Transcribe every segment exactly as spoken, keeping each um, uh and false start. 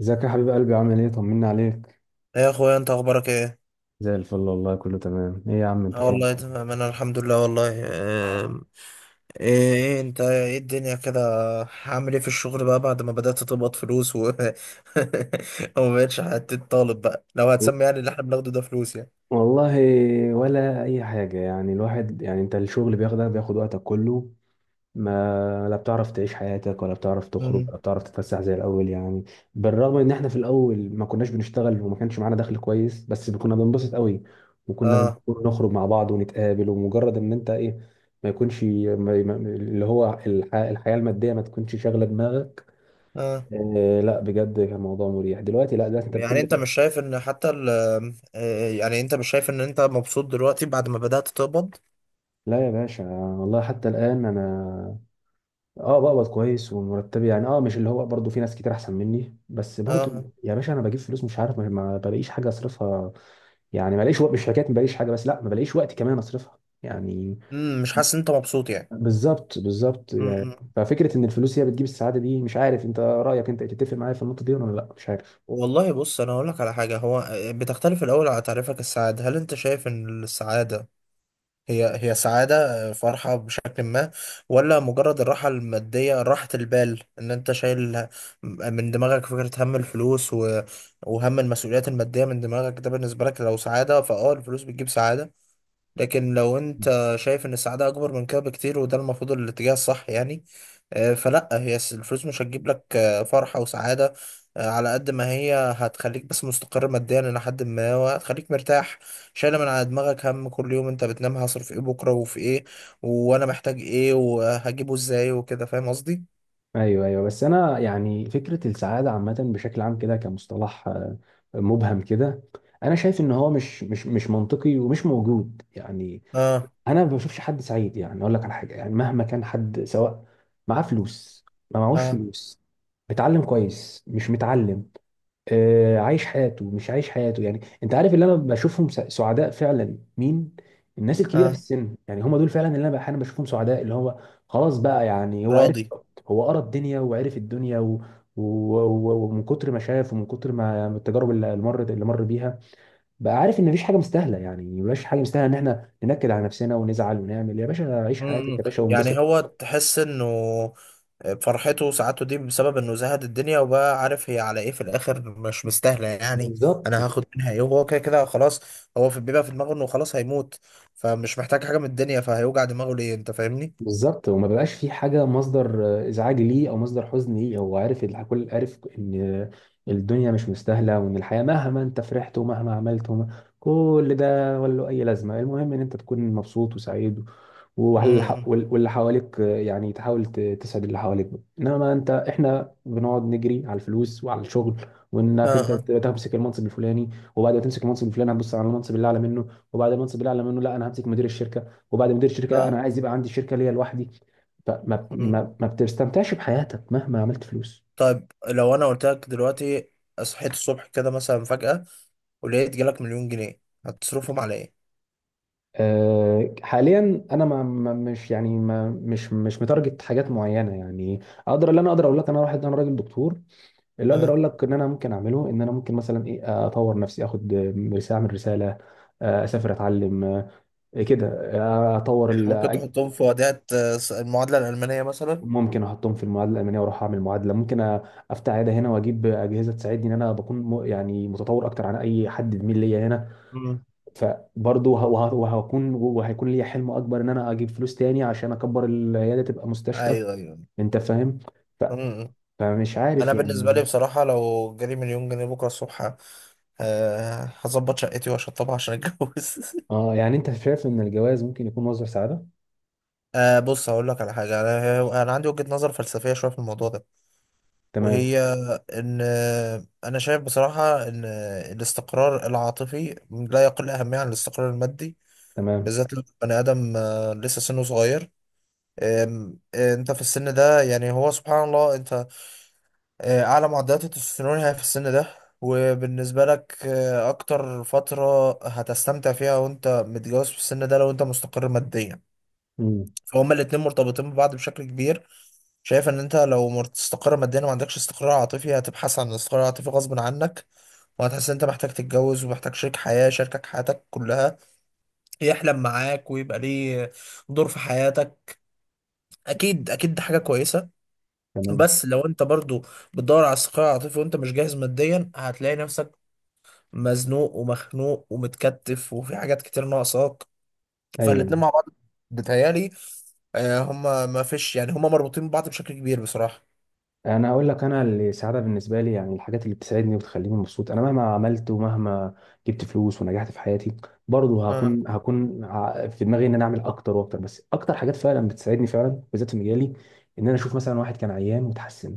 ازيك يا حبيب قلبي؟ عامل ايه؟ طمنا عليك. ايه يا اخويا، انت اخبارك ايه؟ زي الفل والله، كله تمام. ايه يا عم انت اه، فينك والله كده؟ تمام. انا الحمد لله والله. آم، ايه إيه انت ايه الدنيا كده؟ هعمل ايه في الشغل بقى بعد ما بدأت تقبض فلوس و وما بقتش حتة طالب بقى. لو هتسمي يعني اللي احنا بناخده ده فلوس يعني. والله، ولا اي حاجه، يعني الواحد، يعني انت الشغل بياخدك بياخد وقتك كله. ما لا بتعرف تعيش حياتك، ولا بتعرف تخرج، مم. ولا بتعرف تتفسح زي الاول، يعني. بالرغم ان احنا في الاول ما كناش بنشتغل وما كانش معانا دخل كويس، بس كنا بننبسط قوي، وكنا اه، بنخرج نخرج مع بعض ونتقابل، ومجرد ان انت ايه، ما يكونش ما ما- اللي هو الح- الحياه الماديه ما تكونش شاغله دماغك. اه. إيه، لا بجد كان موضوع مريح. دلوقتي لا، دلوقتي انت يعني بكل انت ده. مش شايف ان حتى ال... آه، يعني انت مش شايف ان انت مبسوط دلوقتي بعد ما بدأت تقبض؟ لا يا باشا، والله حتى الان انا اه بقبض كويس، ومرتبي يعني اه مش اللي هو، برضه في ناس كتير احسن مني، بس برضه. اه. يا باشا، انا بجيب فلوس مش عارف، ما ما بلاقيش حاجه اصرفها. يعني ما بلاقيش وقت، مش حكايه ما بلاقيش حاجه، بس لا، ما بلاقيش وقت كمان اصرفها، يعني. مم، مش حاسس ان انت مبسوط. بالظبط، بالظبط، يعني يعني ففكره ان الفلوس هي بتجيب السعاده دي. مش عارف انت رايك، انت تتفق معايا في النقطه دي ولا لا؟ مش عارف. والله بص، انا هقول لك على حاجه. هو آه، بتختلف الاول على تعريفك السعاده. هل انت شايف ان السعاده هي هي سعاده، آه، فرحه بشكل ما، ولا مجرد الراحه الماديه، راحه البال ان انت شايل ه- من دماغك فكره هم الفلوس، و... وهم المسؤوليات الماديه من دماغك؟ ده بالنسبه لك لو سعاده فاه الفلوس بتجيب سعاده. لكن لو انت شايف ان السعادة اكبر من كده بكتير، وده المفروض الاتجاه الصح يعني، آه، فلا هي الس- الفلوس مش هتجيب لك آه، فرحة وسعادة. آه، على قد ما هي هتخليك بس مستقر ماديا الى حد ما، وهتخليك مرتاح، شايلة من على دماغك هم كل يوم. انت بتنام هصرف ايه بكرة وفي ايه، وانا محتاج ايه وهجيبه ازاي وكده. فاهم قصدي؟ ايوه، ايوه، بس انا يعني فكره السعاده عامه بشكل عام كده، كمصطلح آه، مبهم كده. انا شايف ان هو مش مش مش منطقي ومش موجود، يعني. اه، انا ما بشوفش حد سعيد، يعني اقول لك على حاجه. يعني مهما كان حد، سواء معاه فلوس، ما معهوش اه، فلوس، متعلم كويس، مش متعلم، آه، عايش حياته، مش عايش حياته. يعني انت عارف اللي انا بشوفهم س- سعداء فعلا؟ مين؟ الناس الكبيره في اه. السن، يعني هم دول فعلا اللي انا احيانا بشوفهم سعداء. اللي هو خلاص بقى، يعني هو عرف. راضي. هو قرا الدنيا وعرف الدنيا، و... و... و... ومن كتر ما شاف، ومن كتر ما التجارب اللي اللي مر اللي مر بيها، بقى عارف ان مفيش حاجه مستاهله. يعني مفيش حاجه مستاهله ان احنا ننكد على نفسنا ونزعل ونعمل. يا باشا عيش حياتك، م- م. يا باشا، يعني وانبسط. هو تحس انه فرحته وسعادته دي بسبب انه زهد الدنيا، وبقى عارف هي على ايه، في الاخر مش مستاهله يعني. بالظبط، انا هاخد منها ايه؟ وهو كده كده خلاص. هو في بيبقى في دماغه انه خلاص هيموت، فمش محتاج حاجه من الدنيا، فهيوجع دماغه ليه؟ انت فاهمني؟ بالظبط، وما بقاش في حاجه مصدر آه، ازعاج ليه او مصدر حزن ليه. هو عارف الح- كل، عارف ان الدنيا مش مستاهله، وان الحياه مهما انت فرحت ومهما عملت وما، كل ده ولا له اي لازمه. المهم ان انت تكون مبسوط وسعيد، وهل امم واللي حواليك، آه، يعني تحاول ت- تسعد اللي حواليك. انما انت احنا بنقعد نجري على الفلوس وعلى الشغل، اه، وانك انت ت- اه. تمسك المنصب الفلاني. وبعد ما تمسك المنصب الفلاني، هتبص على المنصب اللي اعلى منه. وبعد المنصب اللي اعلى منه، لا، انا همسك مدير الشركه. وبعد مدير الشركه، لا، اه. انا عايز يبقى عندي شركه ليا لوحدي. فما مم. ما ما بتستمتعش بحياتك مهما عملت فلوس. طيب لو انا قلت لك دلوقتي صحيت الصبح كده مثلا فجأة، ولقيت جالك مليون جنيه، هتصرفهم على ايه؟ أه، حاليا انا ما ما- مش يعني ما مش مش متارجت حاجات معينه، يعني. اقدر، اللي انا اقدر اقول لك انا واحد انا راجل دكتور. اللي اقدر اه. اقول لك ان انا ممكن اعمله، ان انا ممكن مثلا ايه، اطور نفسي، اخد رساله، اعمل رساله، آه، اسافر، اتعلم، آه، كده، آه، اطور يعني ال- ممكن تحطهم في وديعة آه، المعادلة الألمانية مثلا؟ ممكن احطهم في المعادله الالمانيه، واروح اعمل معادله. ممكن أ- افتح عياده هنا واجيب اجهزه تساعدني ان انا بكون م- يعني متطور اكتر عن اي حد زميل ليا هنا. مم. فبرضه وه- وه- وهكون وهيكون ليا حلم اكبر، ان انا اجيب فلوس تاني عشان اكبر العياده، تبقى مستشفى. ايوه، ايوه. انت فاهم. ف- مم. فمش عارف، انا بالنسبه لي يعني. بصراحه، لو جالي مليون جنيه بكره الصبح، أه هظبط شقتي واشطبها عشان اتجوز. اه، يعني انت شايف ان الجواز ممكن يكون مصدر سعاده؟ أه، بص هقول لك على حاجه. انا انا عندي وجهه نظر فلسفيه شويه في الموضوع ده، تمام. وهي ان انا شايف بصراحه ان الاستقرار العاطفي لا يقل اهميه عن الاستقرار المادي، تمام. بالذات لو بني ادم آه، لسه سنه صغير. آم، آه، انت في السن ده، يعني هو سبحان الله، انت آه، أعلى معدلات التستوستيرون هي في السن ده، وبالنسبة لك آه، أكتر فترة هتستمتع فيها وأنت متجوز في السن ده، لو أنت مستقر ماديا. امم. فهما الاتنين مرتبطين ببعض بشكل كبير. شايف إن أنت لو مستقر ماديا وما عندكش استقرار عاطفي، هتبحث عن الاستقرار العاطفي غصب عنك، وهتحس إن أنت محتاج تتجوز ومحتاج شريك حياة شاركك حياتك كلها، يحلم معاك، ويبقى ليه دور في حياتك. أكيد أكيد دي حاجة كويسة. تمام. بس لو انت برضو بتدور على الصقيع العاطفي وانت مش جاهز ماديا، هتلاقي نفسك مزنوق ومخنوق ومتكتف، وفي حاجات كتير ناقصاك. ايوه، فالاتنين مع بعض، بتهيالي آه، هما ما فيش، يعني هما مربوطين ببعض بشكل كبير بصراحة. انا اقول لك انا السعاده بالنسبه لي يعني الحاجات اللي بتسعدني وبتخليني مبسوط. انا مهما عملت، ومهما جبت فلوس ونجحت في حياتي، برضه اه. هكون هكون ع- في دماغي ان انا اعمل اكتر واكتر. بس اكتر حاجات فعلا بتسعدني فعلا بالذات في مجالي، ان انا اشوف مثلا واحد كان عيان وتحسن،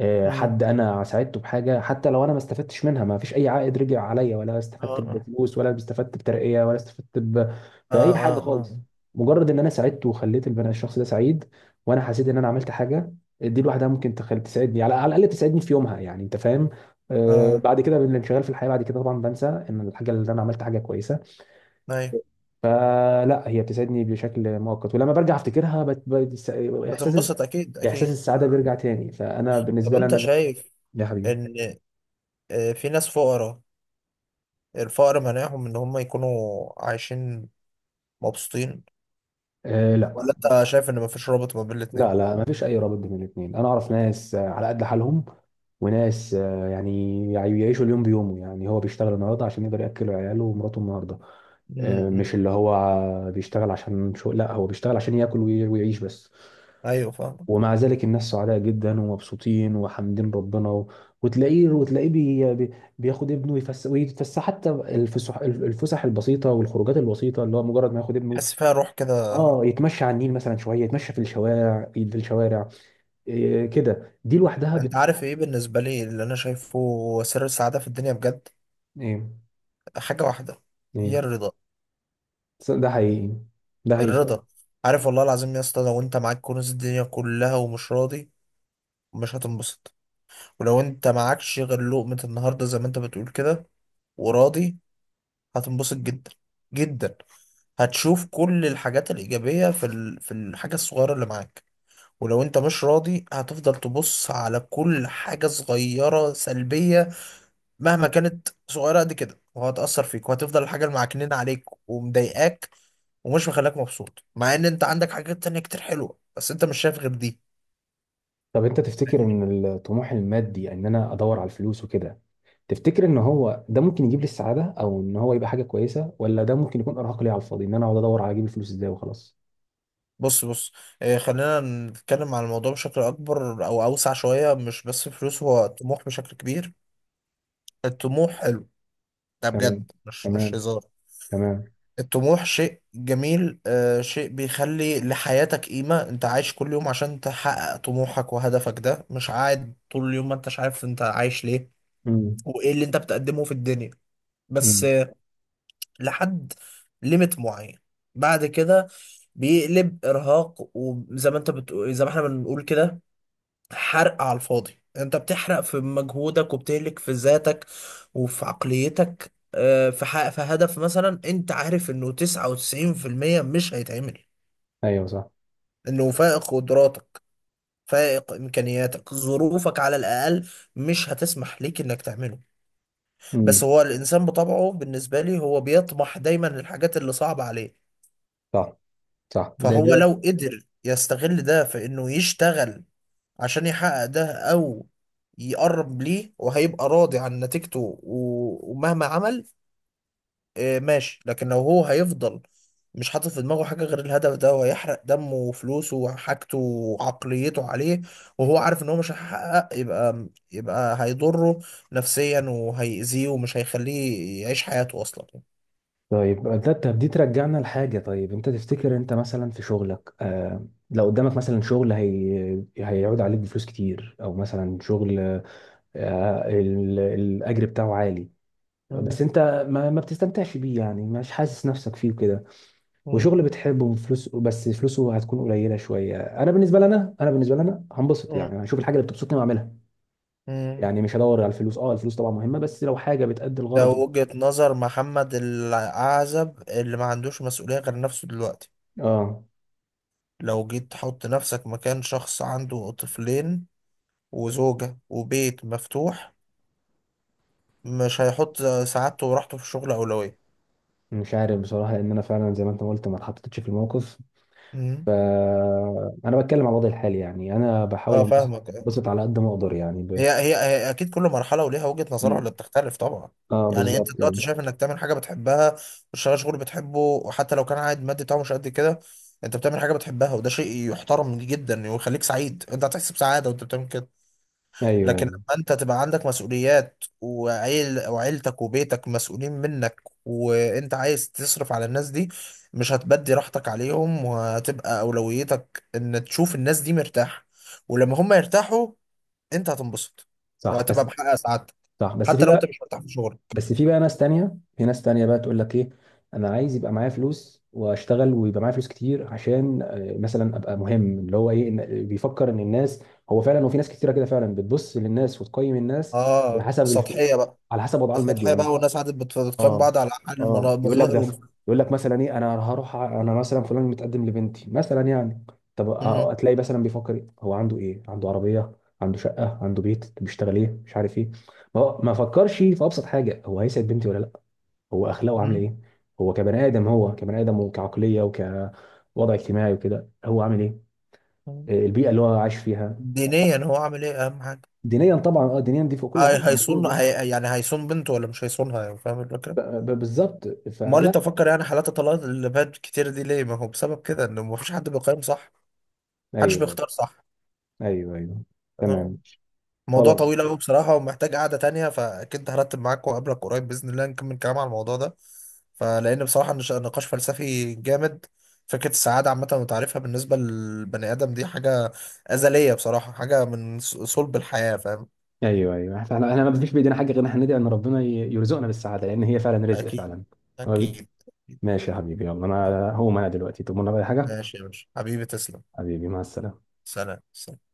آه، حد امم انا ساعدته بحاجه، حتى لو انا ما استفدتش منها، ما فيش اي عائد رجع عليا، ولا اه، استفدت اه، بفلوس، ولا استفدت بترقيه، ولا استفدت ب... اه، باي حاجه اه، خالص. مجرد ان انا ساعدته وخليت البني الشخص ده سعيد، وانا حسيت ان انا عملت حاجه، دي لوحدها ممكن تخل... تساعدني، على على الاقل تساعدني في يومها، يعني انت فاهم. آه اه. بعد كده بالانشغال في الحياه، بعد كده طبعا بنسى ان الحاجه اللي انا عملت حاجه كويسه. ايوه فلا، هي بتساعدني بشكل مؤقت، ولما برجع افتكرها بت... بت... احساس، بتنبسط، اكيد احساس اكيد. آه. السعاده آه. بيرجع تاني. فانا طب بالنسبه لي انت انا ده، شايف يا حبيبي. ان آه، في ناس فقراء، الفقر مانعهم ان هم يكونوا عايشين مبسوطين؟ آه لا، ولا انت شايف ان مفيش رابط ما بين الاتنين؟ لا، لا، ما فيش اي رابط بين الاثنين. انا اعرف ناس آه، على قد حالهم، وناس آه، يعني يعني يعيشوا اليوم بيومه. يعني هو بيشتغل النهارده عشان يقدر ياكل عياله ومراته النهارده، آه، امم مش اللي هو بيشتغل عشان شو، لا، هو بيشتغل عشان ياكل وي- ويعيش بس. ايوه فاهم. ومع ذلك الناس سعداء جدا ومبسوطين وحامدين ربنا و... وتلاقيه وتلاقيه بي... بي... بياخد ابنه يفس... ويتفسح. حتى الفسح الفسح البسيطه والخروجات البسيطه، اللي هو مجرد ما ياخد ابنه حس فيها روح كده. اه يتمشى على النيل مثلا شويه، يتمشى في الشوارع في الشوارع إيه كده، دي لوحدها انت بت، عارف ايه بالنسبه لي اللي انا شايفه سر السعاده في الدنيا بجد؟ ايه، حاجه واحده. هي ايه. الرضا. بس ده حقيقي. ده حقيقي فعلا. الرضا. عارف، والله العظيم يا اسطى، لو انت معاك كنوز الدنيا كلها ومش راضي، مش هتنبسط. ولو انت معكش غير لقمه النهارده، زي ما انت بتقول كده، وراضي، هتنبسط جدا، جدا. هتشوف كل الحاجات الايجابيه في ال... في الحاجه الصغيره اللي معاك. ولو انت مش راضي، هتفضل تبص على كل حاجة صغيرة سلبية، مهما كانت صغيرة قد كده، وهتأثر فيك، وهتفضل الحاجة اللي معكنين عليك ومضايقاك، ومش مخليك مبسوط، مع ان انت عندك حاجات تانية كتير حلوة، بس انت مش شايف غير دي. طب انت تفتكر فاهمني؟ ان الطموح المادي، ان انا ادور على الفلوس وكده، تفتكر ان هو ده ممكن يجيب لي السعاده، او ان هو يبقى حاجه كويسه، ولا ده ممكن يكون ارهاق ليا على الفاضي، ان انا اقعد ادور على اجيب الفلوس ازاي وخلاص؟ بص، بص. اه، خلينا نتكلم عن الموضوع بشكل اكبر او اوسع شوية. مش بس فلوس، هو طموح بشكل كبير. الطموح حلو، ده تمام. بجد مش مش تمام. هزار. تمام. الطموح شيء جميل، آه شيء بيخلي لحياتك قيمة. انت عايش كل يوم عشان تحقق طموحك وهدفك، ده مش قاعد طول اليوم ما انتش عارف انت عايش ليه امم. وايه اللي انت بتقدمه في الدنيا. بس امم. آه لحد ليميت معين بعد كده بيقلب ارهاق، وزي ما انت بتقول، زي ما احنا بنقول كده، حرق على الفاضي. انت بتحرق في مجهودك وبتهلك في ذاتك وفي عقليتك آه، في حق في هدف مثلا انت عارف انه تسعة وتسعين في المية مش هيتعمل، ايوه، صح. انه فائق قدراتك، فائق امكانياتك، ظروفك على الاقل مش هتسمح ليك انك تعمله. امم. بس هو الانسان بطبعه بالنسبة لي هو بيطمح دايما للحاجات اللي صعبة عليه. صح. صح. ده فهو ده لو قدر يستغل ده في انه يشتغل عشان يحقق ده، او يقرب ليه، وهيبقى راضي عن نتيجته و- ومهما عمل، آه، ماشي. لكن لو هو هيفضل مش حاطط في دماغه حاجة غير الهدف ده، وهيحرق دمه وفلوسه وحاجته وعقليته عليه، وهو عارف ان هو مش هيحقق، يبقى يبقى هيضره نفسيا وهيأذيه، ومش هيخليه يعيش حياته اصلا. طيب ده طب دي ترجعنا لحاجة. طيب انت تفتكر انت مثلا في شغلك، آه لو قدامك مثلا شغل هي هيعود عليك بفلوس كتير، او مثلا شغل، آه ال- الاجر بتاعه عالي، بس مم. انت ما, ما بتستمتعش بيه، يعني مش حاسس نفسك فيه كده. مم. وشغل بتحبه، فلوس بس فلوسه هتكون قليلة شوية. انا بالنسبة لنا انا بالنسبة لنا هنبسط، مم. يعني هشوف الحاجة اللي بتبسطني واعملها. مم. يعني مش هدور على الفلوس. اه، الفلوس طبعا مهمة، بس لو حاجة بتأدي ده الغرض. وجهة نظر محمد العزب اللي ما عندوش مسؤولية غير نفسه دلوقتي. اه، لو جيت تحط نفسك مكان شخص عنده طفلين وزوجة وبيت مفتوح، مش هيحط سعادته وراحته في الشغل أولوية. مش عارف بصراحة، لأن أنا فعلا زي ما أنت قلت ما اتحطيتش في الموقف. مم. أنا بتكلم عن وضعي الحالي، يعني أنا بحاول اه، أنبسط. فاهمك. أنبسط على قد ما أقدر، يعني ب... هي, هي هي أكيد كل مرحلة وليها وجهة نظرها مم. اللي بتختلف طبعا. أه، يعني أنت بالظبط، آه. دلوقتي شايف إنك تعمل حاجة بتحبها، وتشتغل شغل بتحبه، وحتى لو كان عائد مادي بتاعه مش قد كده، أنت بتعمل حاجة بتحبها، وده شيء يحترم جدا ويخليك سعيد. أنت هتحس بسعادة وأنت بتعمل كده. أيوه، لكن أيوه، لما انت تبقى عندك مسؤوليات وعيل وعيلتك وبيتك مسؤولين منك، وانت عايز تصرف على الناس دي، مش هتبدي راحتك عليهم، وهتبقى اولويتك ان تشوف الناس دي مرتاحة. ولما هم يرتاحوا، انت هتنبسط، صح وهتبقى بس، محقق سعادتك، صح بس في حتى لو انت بقى مش مرتاح في شغلك. بس في بقى ناس تانية، في ناس تانية بقى، تقول لك إيه؟ أنا عايز يبقى معايا فلوس وأشتغل، ويبقى معايا فلوس كتير، عشان آه، مثلا أبقى مهم، اللي هو إيه، إن- بيفكر إن الناس، هو فعلا، وفي ناس كتيرة كده فعلا بتبص للناس وتقيم الناس على اه، حسب الف... السطحية بقى. على حسب وضعها المادي، السطحية بقى، يعني. والناس قعدت بت- بتقيم اه، بعض على حال اه، المنا- يقول لك المظاهر دفع. وال... يقول لك مثلا ايه، انا هروح ع- انا مثلا فلان متقدم لبنتي مثلا، يعني. طب، آه، مم. هتلاقي مثلا بيفكر إيه؟ هو عنده ايه؟ عنده عربيه، عنده شقه، عنده بيت، بيشتغل ايه، مش عارف ايه. ما هو ما فكرش في ابسط حاجه، هو هيسعد بنتي ولا لا، هو اخلاقه عامله مم. ايه، هو كبني ادم هو كبني ادم وكعقليه وكوضع اجتماعي وكده هو عامل ايه، آه، البيئه اللي هو عايش فيها. دينيا هو عامل ايه؟ اهم حاجة. دينيا طبعا، اه، دينيا دي فوق كل حاجه هي المفروض، هيصون يعني. هي يعني هيصون بنته ولا مش هيصونها؟ يعني فاهم الفكرة؟ ب- ب- بالظبط، امال فلا. انت فكر يعني حالات الطلاق اللي بقت كتير دي ليه؟ ما هو بسبب كده، ان مفيش حد بيقيم صح، محدش ايوه، بيختار صح. ايوه، ايوه. آه. تمام. موضوع خلاص. طويل قوي بصراحة، ومحتاج قعدة تانية، فأكيد هرتب معاك وأقابلك قريب بإذن الله، نكمل كلام على الموضوع ده. فلأن بصراحة نش- نقاش فلسفي جامد. فكرة السعادة عامة، وتعريفها بالنسبة للبني آدم، دي حاجة أزلية بصراحة. حاجة من ص- صلب الحياة. فاهم؟ ايوه، ايوه، احنا احنا ما يعني فيش بايدينا حاجه غير ان احنا ندعي ان ربنا ي- يرزقنا بالسعاده، لان هي فعلا رزق أكيد فعلا. هو بي- أكيد. ماشي يا حبيبي، يلا انا هقوم انا دلوقتي، تؤمرنا بأي حاجه؟ ماشي يا باشا، حبيبي تسلم. حبيبي، مع السلامه. سلام، سلام.